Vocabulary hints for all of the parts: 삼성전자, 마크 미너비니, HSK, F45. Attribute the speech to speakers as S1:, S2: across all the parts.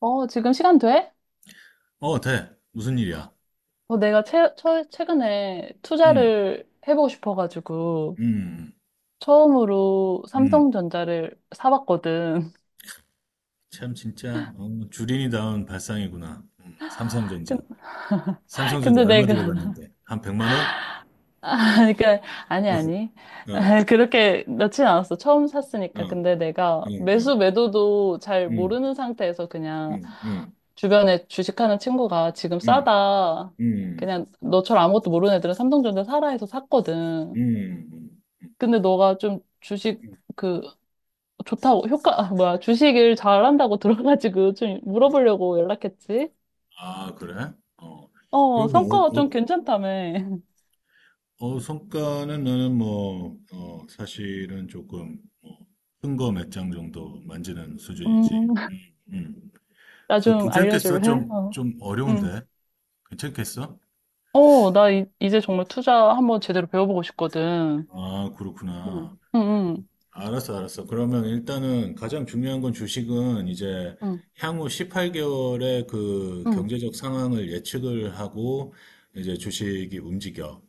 S1: 어, 지금 시간 돼?
S2: 어, 돼. 무슨 일이야?
S1: 어, 내가 최근에
S2: 음,
S1: 투자를 해보고 싶어가지고
S2: 음,
S1: 처음으로
S2: 음.
S1: 삼성전자를 사봤거든.
S2: 참, 진짜, 주린이다운 발상이구나. 삼성전자.
S1: 근-
S2: 삼성전자
S1: 근데
S2: 얼마
S1: 내가,
S2: 들어갔는데? 한 100만 원?
S1: 그러니까, 아니,
S2: 어,
S1: 아니.
S2: 어, 어,
S1: 그렇게 넣진 않았어. 처음
S2: 어,
S1: 샀으니까.
S2: 어,
S1: 근데 내가 매수 매도도 잘
S2: 음,
S1: 모르는 상태에서 그냥
S2: 음, 음,
S1: 주변에 주식하는 친구가 지금
S2: 음,
S1: 싸다.
S2: 음,
S1: 그냥 너처럼 아무것도 모르는 애들은 삼성전자 사라 해서 샀거든.
S2: 음,
S1: 근데 너가 좀 주식
S2: 음.
S1: 그 좋다고, 효과, 아, 뭐야, 주식을 잘한다고 들어가지고 좀 물어보려고 연락했지?
S2: 아, 그래? 어.
S1: 어,
S2: 그럼.
S1: 성과가
S2: 어, 어,
S1: 좀 괜찮다며.
S2: 성과는 나는 뭐, 사실은 조금, 뭐, 큰거 몇 장 정도 만지는 수준이지.
S1: 음,
S2: 음.
S1: 나
S2: 그
S1: 좀
S2: 괜찮겠어?
S1: 알려줄래?
S2: 좀,
S1: 어.
S2: 좀
S1: 응.
S2: 어려운데? 괜찮겠어?
S1: 어, 나 제 정말 투자 한번 제대로 배워보고 싶거든.
S2: 아,
S1: 응,
S2: 그렇구나.
S1: 응,
S2: 알았어, 알았어. 그러면 일단은 가장 중요한 건 주식은 이제
S1: 응,
S2: 향후 18개월의 그
S1: 응.
S2: 경제적 상황을 예측을 하고 이제 주식이 움직여.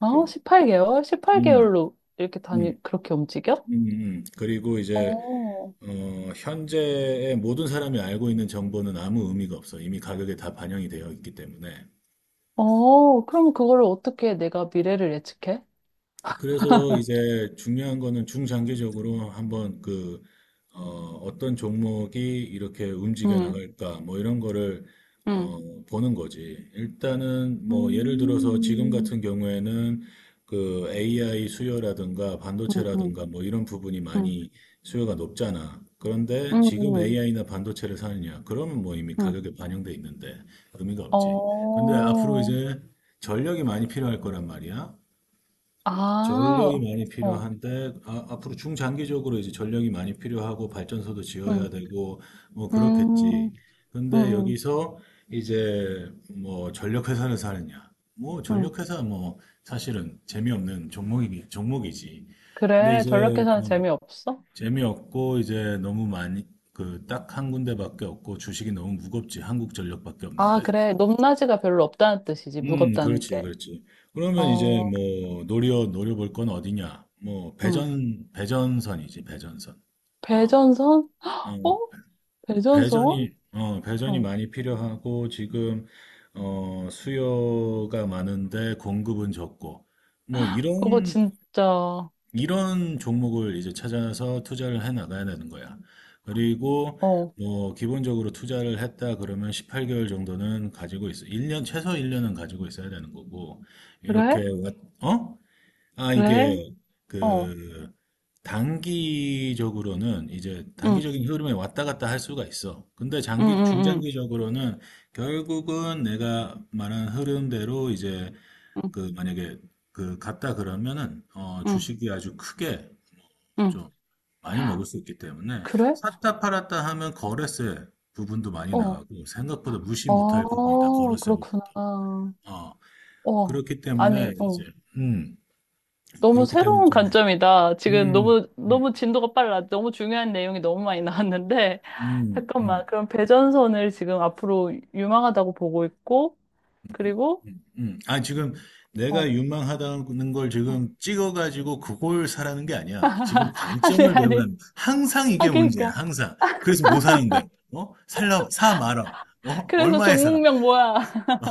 S1: 어,
S2: 이렇게.
S1: 18개월?
S2: 음,
S1: 18개월로 이렇게
S2: 음,
S1: 다니, 그렇게 움직여?
S2: 그리고 이제,
S1: 어,
S2: 현재의 모든 사람이 알고 있는 정보는 아무 의미가 없어. 이미 가격에 다 반영이 되어 있기 때문에.
S1: 어, 그럼 그거를 어떻게 내가 미래를 예측해?
S2: 그래서 이제 중요한 거는 중장기적으로 한번 그, 어, 어떤 종목이 이렇게 움직여
S1: 응,
S2: 나갈까, 뭐 이런 거를,
S1: 응.
S2: 어, 보는 거지. 일단은 뭐 예를 들어서 지금
S1: 음,
S2: 같은 경우에는 그 AI 수요라든가
S1: 응, 응,
S2: 반도체라든가 뭐 이런 부분이
S1: 응,
S2: 많이 수요가 높잖아. 그런데 지금
S1: 응.
S2: AI나 반도체를 사느냐? 그러면 뭐 이미
S1: 응,
S2: 가격에 반영돼 있는데 의미가 없지. 근데 앞으로
S1: 어,
S2: 이제 전력이 많이 필요할 거란 말이야.
S1: 아,
S2: 전력이 많이
S1: 어,
S2: 필요한데 앞으로 중장기적으로 이제 전력이 많이 필요하고 발전소도 지어야
S1: 응,
S2: 되고 뭐
S1: 음,
S2: 그렇겠지.
S1: 응,
S2: 근데
S1: 응,
S2: 여기서 이제 뭐 전력 회사를 사느냐? 뭐
S1: 응.
S2: 전력 회사 뭐 사실은 재미없는 종목이지. 근데
S1: 그래.
S2: 이제
S1: 전력 계산
S2: 음,
S1: 재미없어?
S2: 재미없고 이제 너무 많이 그 딱 한 군데밖에 없고 주식이 너무 무겁지. 한국전력밖에
S1: 아,
S2: 없는데.
S1: 그래. 높낮이가 별로 없다는 뜻이지. 무겁다는
S2: 그렇지,
S1: 게.
S2: 그렇지. 그러면 이제
S1: 어,
S2: 뭐 노려볼 건 어디냐? 뭐
S1: 응.
S2: 배전선이지, 배전선. 어,
S1: 배전선?
S2: 어,
S1: 어? 배전선?
S2: 배전이
S1: 어,
S2: 많이 필요하고 지금 수요가 많은데 공급은 적고 뭐
S1: 그거
S2: 이런
S1: 진짜, 어,
S2: 이런 종목을 이제 찾아서 투자를 해 나가야 되는 거야. 그리고 뭐 기본적으로 투자를 했다 그러면 18개월 정도는 가지고 있어. 1년 최소 1년은 가지고 있어야 되는 거고. 이렇게
S1: 그래?
S2: 왔- 어? 아
S1: 그래?
S2: 이게
S1: 어,
S2: 그 단기적으로는 이제
S1: 응,
S2: 단기적인 흐름에 왔다 갔다 할 수가 있어. 근데
S1: 응,
S2: 장기
S1: 응,
S2: 중장기적으로는 결국은 내가 말한 흐름대로 이제
S1: 응, 응,
S2: 그 만약에 그 갔다 그러면은
S1: 응,
S2: 주식이 아주 크게
S1: 응.
S2: 좀 많이 먹을 수 있기 때문에
S1: 그래?
S2: 샀다 팔았다 하면 거래세 부분도 많이
S1: 어,
S2: 나가고 생각보다 무시 못할 부분이다
S1: 어,
S2: 거래세 부분도
S1: 그렇구나.
S2: 어
S1: 어,
S2: 그렇기 때문에
S1: 아니,
S2: 이제
S1: 어.
S2: 음
S1: 너무
S2: 그렇기 때문에
S1: 새로운 관점이다. 지금
S2: 좀음음음음
S1: 너무, 너무 진도가 빨라. 너무 중요한 내용이 너무 많이 나왔는데. 잠깐만. 그럼 배전선을 지금 앞으로 유망하다고 보고 있고, 그리고,
S2: 아, 지금
S1: 어.
S2: 내가
S1: 어.
S2: 유망하다는 걸 지금 찍어가지고 그걸 사라는 게 아니야. 지금
S1: 아니,
S2: 관점을
S1: 아니.
S2: 배우라는 거야. 항상
S1: 아,
S2: 이게 문제야,
S1: 그러니까.
S2: 항상. 그래서 뭐 사는데? 어? 살라, 사 말아. 어?
S1: 그래서
S2: 얼마에 사?
S1: 종목명 뭐야?
S2: 어?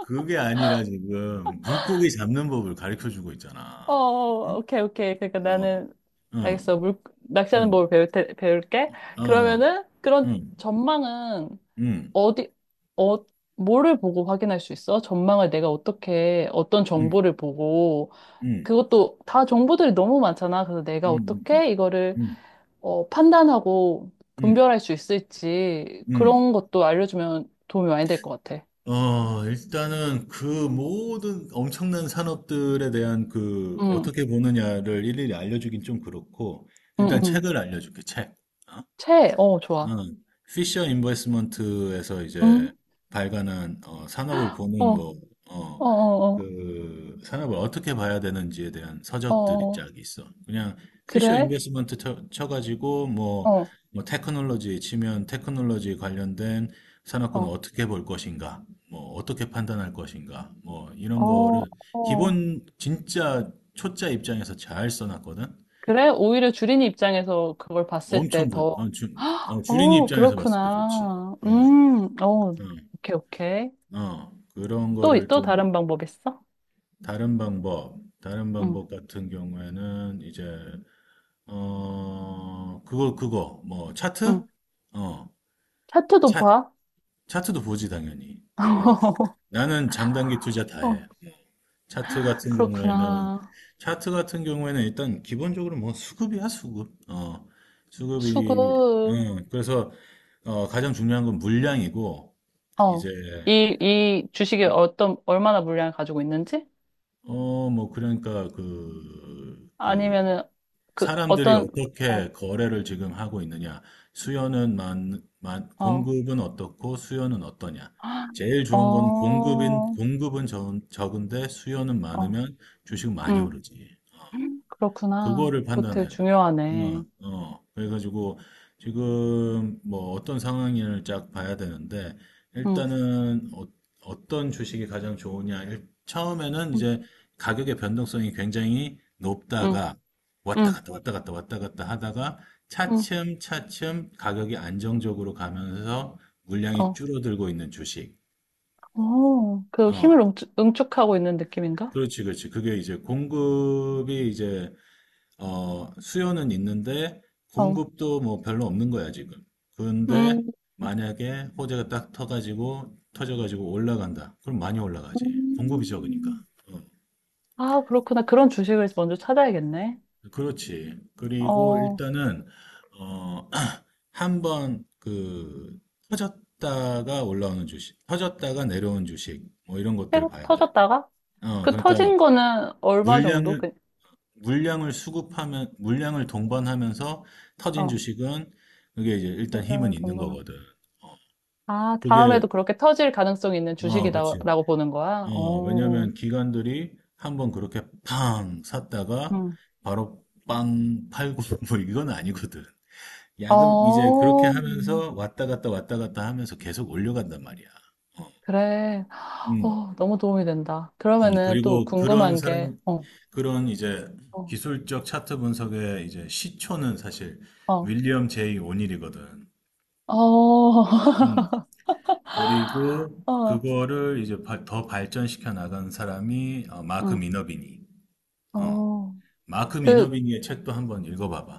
S2: 그게 아니라 지금 물고기 잡는 법을 가르쳐 주고
S1: 어,
S2: 있잖아. 응?
S1: 어, 오케이, 오케이. 그러니까
S2: 어,
S1: 나는,
S2: 응,
S1: 알겠어. 낚시하는
S2: 응,
S1: 법을 배울게.
S2: 어,
S1: 그러면은, 그런
S2: 응,
S1: 전망은
S2: 응,
S1: 어디, 어, 뭐를 보고 확인할 수 있어? 전망을 내가 어떻게, 어떤
S2: 응,
S1: 정보를 보고,
S2: 응,
S1: 그것도 다 정보들이 너무 많잖아. 그래서 내가
S2: 응, 응, 응,
S1: 어떻게 이거를
S2: 응,
S1: 어, 판단하고
S2: 응, 응,
S1: 분별할 수 있을지
S2: 응,
S1: 그런 것도 알려주면 도움이 많이 될 것 같아.
S2: 어. 일단은 그 모든 엄청난 산업들에 대한 그
S1: 응,
S2: 어떻게 보느냐를 일일이 알려주긴 좀 그렇고,
S1: 응,
S2: 일단
S1: 응.
S2: 책을 알려줄게, 책. 어?
S1: 어, 좋아.
S2: 음, 피셔 인베스먼트에서
S1: 응,
S2: 이제 발간한 산업을 보는
S1: 어,
S2: 뭐, 어,
S1: 어, 어,
S2: 그 산업을 어떻게 봐야 되는지에 대한
S1: 어,
S2: 서적들이
S1: 어, 어,
S2: 쫙 있어. 그냥 피셔 인
S1: 그래?
S2: 베스먼트 쳐가지고 뭐,
S1: 어,
S2: 뭐 테크놀로지 치면 테크놀로지 관련된 산업군을
S1: 어,
S2: 어떻게 볼 것인가, 뭐 어떻게 판단할 것인가, 뭐 이런
S1: 어,
S2: 거를
S1: 어.
S2: 기본 진짜 초짜 입장에서 잘 써놨거든.
S1: 그래? 오히려 주린이 입장에서 그걸 봤을
S2: 엄청
S1: 때
S2: 좋,
S1: 더,
S2: 어, 주, 어,
S1: 헉,
S2: 주린이
S1: 어,
S2: 입장에서 봤을 때 좋지.
S1: 그렇구나.
S2: 어.
S1: 어,
S2: 음,
S1: 오케이, 오케이.
S2: 그런
S1: 또,
S2: 거를
S1: 또
S2: 좀
S1: 다른 방법 있어?
S2: 다른 방법, 다른
S1: 응,
S2: 방법 같은 경우에는 이제 그거 그거 뭐
S1: 응.
S2: 차트? 어,
S1: 차트도
S2: 차
S1: 봐.
S2: 차트도 보지 당연히. 어, 나는 장단기 투자 다
S1: 어,
S2: 해. 차트 같은 경우에는
S1: 그렇구나.
S2: 차트 같은 경우에는 일단 기본적으로 뭐 수급이야 수급. 수급이
S1: 수급.
S2: 그래서 가장 중요한 건 물량이고
S1: 어.
S2: 이제
S1: 이 주식이 어떤, 얼마나 물량을 가지고 있는지?
S2: 뭐 그러니까 그그
S1: 아니면은, 그,
S2: 사람들이
S1: 어떤, 어,
S2: 어떻게 거래를 지금 하고 있느냐, 수요는
S1: 어,
S2: 공급은 어떻고 수요는 어떠냐. 제일 좋은 건
S1: 어,
S2: 공급은 적은데 수요는
S1: 어,
S2: 많으면 주식 많이
S1: 음,
S2: 오르지.
S1: 그렇구나.
S2: 그거를
S1: 그거 되게
S2: 판단해야 돼. 어,
S1: 중요하네.
S2: 어. 그래가지고 지금 뭐 어떤 상황을 쫙 봐야 되는데
S1: 응,
S2: 일단은 어, 떤 주식이 가장 좋으냐. 처음에는
S1: 응,
S2: 이제 가격의 변동성이 굉장히
S1: 응,
S2: 높다가 왔다
S1: 응,
S2: 갔다 왔다 갔다 왔다 갔다 하다가
S1: 응,
S2: 차츰 차츰 가격이 안정적으로 가면서 물량이
S1: 어,
S2: 줄어들고 있는 주식.
S1: 어, 그
S2: 어,
S1: 힘을 응축하고 있는 느낌인가?
S2: 그렇지, 그렇지. 그게 이제 공급이 이제 수요는 있는데
S1: 어,
S2: 공급도 뭐 별로 없는 거야, 지금. 근데
S1: 음,
S2: 만약에 호재가 딱 터가지고 터져가지고 올라간다. 그럼 많이 올라가지. 공급이 적으니까.
S1: 음.
S2: 어,
S1: 아, 그렇구나. 그런 주식을 먼저 찾아야겠네.
S2: 그렇지. 그리고
S1: 어.
S2: 일단은 어, 한 번 그 터졌다가 올라오는 주식, 터졌다가 내려온 주식 뭐 이런 것들
S1: 해가
S2: 봐야 돼.
S1: 터졌다가?
S2: 어,
S1: 그
S2: 그러니까
S1: 터진 거는 얼마 정도?
S2: 물량을
S1: 그,
S2: 물량을 수급하면, 물량을 동반하면서 터진
S1: 어,
S2: 주식은 그게 이제 일단 힘은
S1: 분량을 본
S2: 있는
S1: 거나
S2: 거거든.
S1: 아,
S2: 그게,
S1: 다음에도 그렇게 터질 가능성이 있는
S2: 어, 그치.
S1: 주식이다라고 보는 거야?
S2: 어,
S1: 어,
S2: 왜냐면 기관들이 한번 그렇게 팡 샀다가
S1: 응.
S2: 바로 빵 팔고 뭐 이건 아니거든. 야금, 이제 그렇게
S1: 어,
S2: 하면서 왔다 갔다 왔다 갔다 하면서 계속 올려간단 말이야. 어,
S1: 그래.
S2: 음,
S1: 어, 너무 도움이 된다. 그러면은 또
S2: 그리고
S1: 궁금한 게, 어,
S2: 그런 이제
S1: 어,
S2: 기술적 차트 분석의 이제 시초는 사실
S1: 어,
S2: 윌리엄 제이 오닐이거든.
S1: 어,
S2: 음, 그리고
S1: 어,
S2: 그거를 이제 더 발전시켜 나간 사람이 마크
S1: 응,
S2: 미너비니. 어,
S1: 어.
S2: 마크
S1: 그
S2: 미너비니의 책도 한번 읽어봐봐.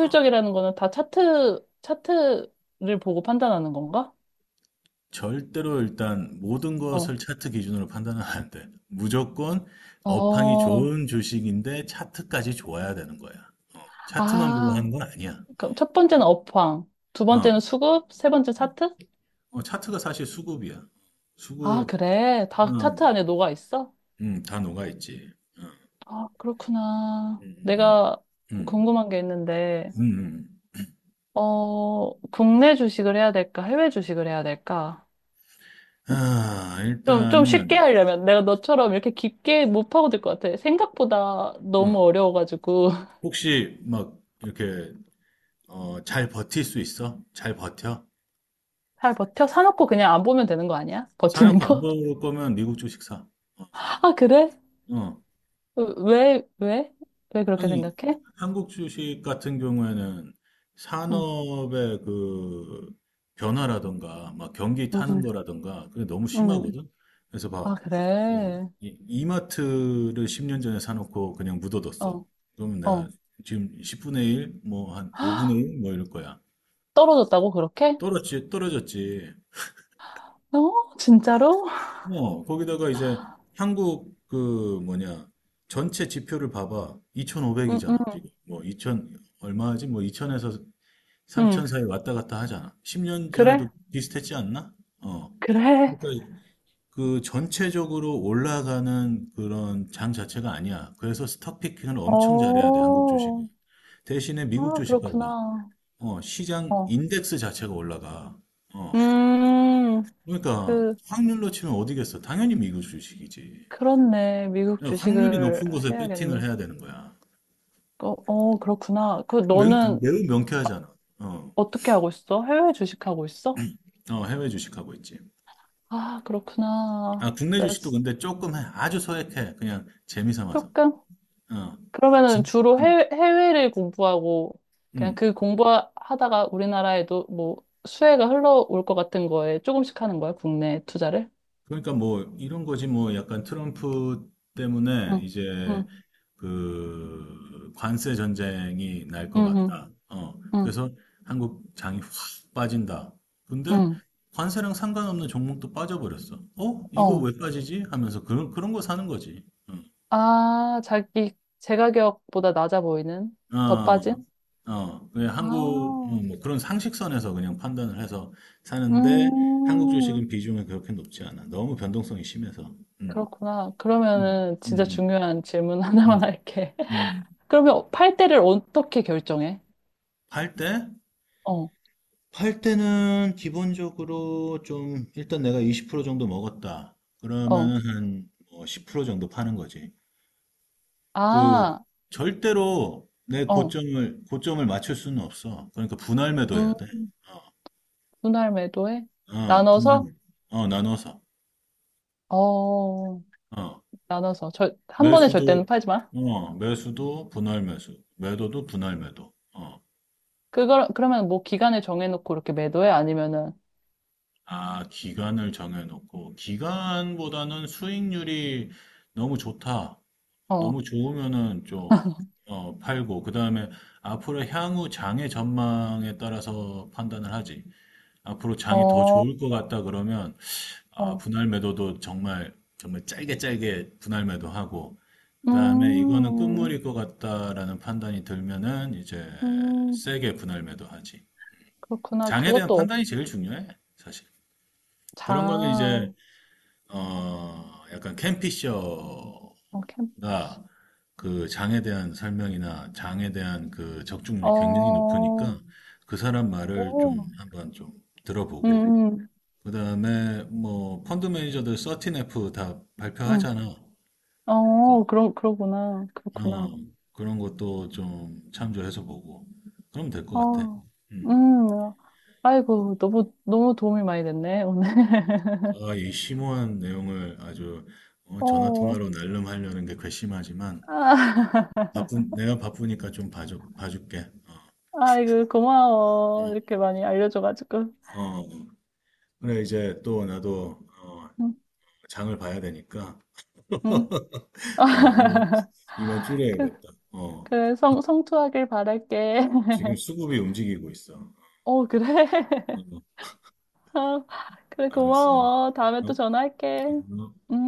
S2: 어,
S1: 거는 다 차트를 보고 판단하는 건가?
S2: 절대로 일단 모든
S1: 어,
S2: 것을 차트 기준으로 판단은 안 돼. 무조건 업황이
S1: 어,
S2: 좋은 주식인데 차트까지 좋아야 되는 거야. 어, 차트만 보고 하는
S1: 아.
S2: 건 아니야.
S1: 그럼 첫 번째는 업황, 두
S2: 어,
S1: 번째는 수급, 세 번째 차트?
S2: 어, 차트가 사실 수급이야.
S1: 아,
S2: 수급,
S1: 그래. 다 차트
S2: 음,
S1: 안에 녹아 있어?
S2: 다 녹아있지. 어,
S1: 아, 그렇구나.
S2: 음,
S1: 내가
S2: 음, 음,
S1: 궁금한 게 있는데,
S2: 음, 음. 음.
S1: 어, 국내 주식을 해야 될까? 해외 주식을 해야 될까?
S2: 아,
S1: 좀 쉽게
S2: 일단은,
S1: 하려면 내가 너처럼 이렇게 깊게 못 파고들 것 같아. 생각보다
S2: 어,
S1: 너무 어려워가지고.
S2: 혹시 막 이렇게 잘 버틸 수 있어? 잘 버텨?
S1: 잘 버텨? 사놓고 그냥 안 보면 되는 거 아니야? 버티는
S2: 사놓고 안
S1: 거?
S2: 먹을 거면 미국 주식 사. 어,
S1: 아, 그래?
S2: 어.
S1: 왜, 왜? 왜 그렇게
S2: 아니,
S1: 생각해?
S2: 한국 주식 같은 경우에는
S1: 응,
S2: 산업의 그 변화라든가, 막 경기
S1: 응,
S2: 타는
S1: 응.
S2: 거라든가, 그게 너무
S1: 응, 응.
S2: 심하거든? 그래서 봐,
S1: 아,
S2: 이,
S1: 그래.
S2: 이, 마트를 10년 전에 사놓고 그냥 묻어뒀어.
S1: 어,
S2: 그러면 내가
S1: 어.
S2: 지금 10분의 1, 뭐 한 5분의 1, 뭐 이럴 거야.
S1: 떨어졌다고, 그렇게?
S2: 떨어졌지.
S1: 어, 진짜로?
S2: 어, 거기다가 이제 한국 그 뭐냐 전체 지표를 봐봐.
S1: 응, 응,
S2: 2,500이잖아, 지금. 뭐 2,000 얼마지? 뭐 2,000에서
S1: 응.
S2: 3,000 사이 왔다 갔다 하잖아. 10년
S1: 그래?
S2: 전에도 비슷했지 않나? 어.
S1: 그래.
S2: 그러니까 그 전체적으로 올라가는 그런 장 자체가 아니야. 그래서 스톡 피킹을 엄청 잘해야 돼, 한국 주식은.
S1: 어,
S2: 대신에 미국
S1: 아,
S2: 주식 봐봐.
S1: 그렇구나.
S2: 어, 시장
S1: 어.
S2: 인덱스 자체가 올라가. 어.
S1: 음,
S2: 그러니까
S1: 그,
S2: 확률로 치면 어디겠어? 당연히 미국 주식이지.
S1: 그렇네. 미국
S2: 그러니까 확률이
S1: 주식을
S2: 높은 곳에 배팅을
S1: 해야겠네.
S2: 해야 되는 거야.
S1: 어, 어, 그렇구나. 그, 너는
S2: 매우
S1: 바-
S2: 명쾌하잖아. 어,
S1: 어떻게 하고 있어? 해외 주식하고 있어?
S2: 어, 해외 주식하고 있지.
S1: 아,
S2: 아,
S1: 그렇구나.
S2: 국내
S1: 나
S2: 주식도 근데 조금 해. 아주 소액해. 그냥 재미 삼아서.
S1: 조금?
S2: 어,
S1: 그러면은
S2: 진,
S1: 주로 해외를 공부하고 그냥
S2: 음.
S1: 그 공부하다가 우리나라에도 뭐 수혜가 흘러올 것 같은 거에 조금씩 하는 거야, 국내 투자를?
S2: 그러니까 뭐 이런 거지 뭐 약간 트럼프 때문에
S1: 응,
S2: 이제
S1: 응,
S2: 그 관세 전쟁이 날
S1: 응,
S2: 것
S1: 응,
S2: 같다. 어.
S1: 응,
S2: 그래서 한국 장이 확 빠진다. 근데
S1: 응.
S2: 관세랑 상관없는 종목도 빠져버렸어. 어? 이거
S1: 어.
S2: 왜 빠지지? 하면서 그런 그런 거 사는 거지. 응.
S1: 아, 자기 제 가격보다 낮아 보이는? 더
S2: 어,
S1: 빠진?
S2: 어, 그냥 한국, 어,
S1: 아,
S2: 뭐 그런 상식선에서 그냥 판단을 해서 사는데 한국 주식은
S1: 음,
S2: 비중이 그렇게 높지 않아. 너무 변동성이 심해서. 음,
S1: 그렇구나.
S2: 음,
S1: 그러면은 진짜
S2: 음,
S1: 중요한 질문
S2: 음.
S1: 하나만
S2: 음.
S1: 할게.
S2: 음,
S1: 그러면 팔 때를 어떻게 결정해?
S2: 팔 때?
S1: 어,
S2: 팔 때는 기본적으로 좀, 일단 내가 20% 정도 먹었다.
S1: 어.
S2: 그러면은 한10% 정도 파는 거지. 그,
S1: 아,
S2: 절대로 내
S1: 어.
S2: 고점을, 고점을 맞출 수는 없어. 그러니까 분할
S1: 음.
S2: 매도해야 돼.
S1: 분할 매도에
S2: 어, 어, 분할,
S1: 나눠서
S2: 매도. 어, 나눠서.
S1: 어
S2: 어,
S1: 나눠서 한 번에 절대는
S2: 매수도,
S1: 팔지 마.
S2: 어, 매수도 분할 매수. 매도도 분할 매도. 어,
S1: 그걸 그러면 뭐 기간을 정해놓고 이렇게 매도해 아니면은
S2: 아, 기간을 정해놓고, 기간보다는 수익률이 너무 좋다.
S1: 어,
S2: 너무 좋으면은 좀 어, 팔고 그다음에 앞으로 향후 장의 전망에 따라서 판단을 하지. 앞으로 장이 더 좋을
S1: 어,
S2: 것 같다 그러면 아,
S1: 어,
S2: 분할 매도도 정말 정말 짧게 짧게 분할 매도하고
S1: 음,
S2: 그다음에 이거는 끝물일 것 같다라는 판단이 들면은 이제
S1: 음,
S2: 세게 분할 매도하지.
S1: 그렇구나.
S2: 장에 대한
S1: 그것도
S2: 판단이 제일 중요해, 사실. 그런 거는
S1: 자
S2: 이제 어, 약간 캠피셔
S1: 어케이
S2: 나 그 장에 대한 설명이나 장에 대한 그 적중률이 굉장히 높으니까 그 사람 말을 좀 한번 좀 들어보고
S1: 어오음음어
S2: 그다음에 뭐 펀드 매니저들 13F 다 발표하잖아. 그래서,
S1: 그러구나.
S2: 어,
S1: 그렇구나.
S2: 그런 것도 좀 참조해서 보고 그러면 될 것 같아. 음.
S1: 어음. 아이고, 너무 너무 도움이 많이 됐네 오늘.
S2: 아, 이 심오한 내용을 아주 어, 전화
S1: 어.
S2: 통화로 날름하려는 게 괘씸하지만 뭐
S1: 아.
S2: 바쁜 내가 바쁘니까 좀 봐줘 봐줄게. 어.
S1: 아이고, 고마워.
S2: 음.
S1: 이렇게 많이 알려줘가지고.
S2: 어. 그래, 이제 또 나도, 어,
S1: 응,
S2: 장을 봐야 되니까,
S1: 응.
S2: 어, 이만 이만
S1: 그,
S2: 줄여야겠다. 어,
S1: 그래, 성투하길 바랄게.
S2: 지금 수급이 움직이고 있어.
S1: 어, 그래.
S2: 어,
S1: 아, 그래,
S2: 알았어.
S1: 고마워. 다음에
S2: 어,
S1: 또 전화할게.
S2: 어.
S1: 응.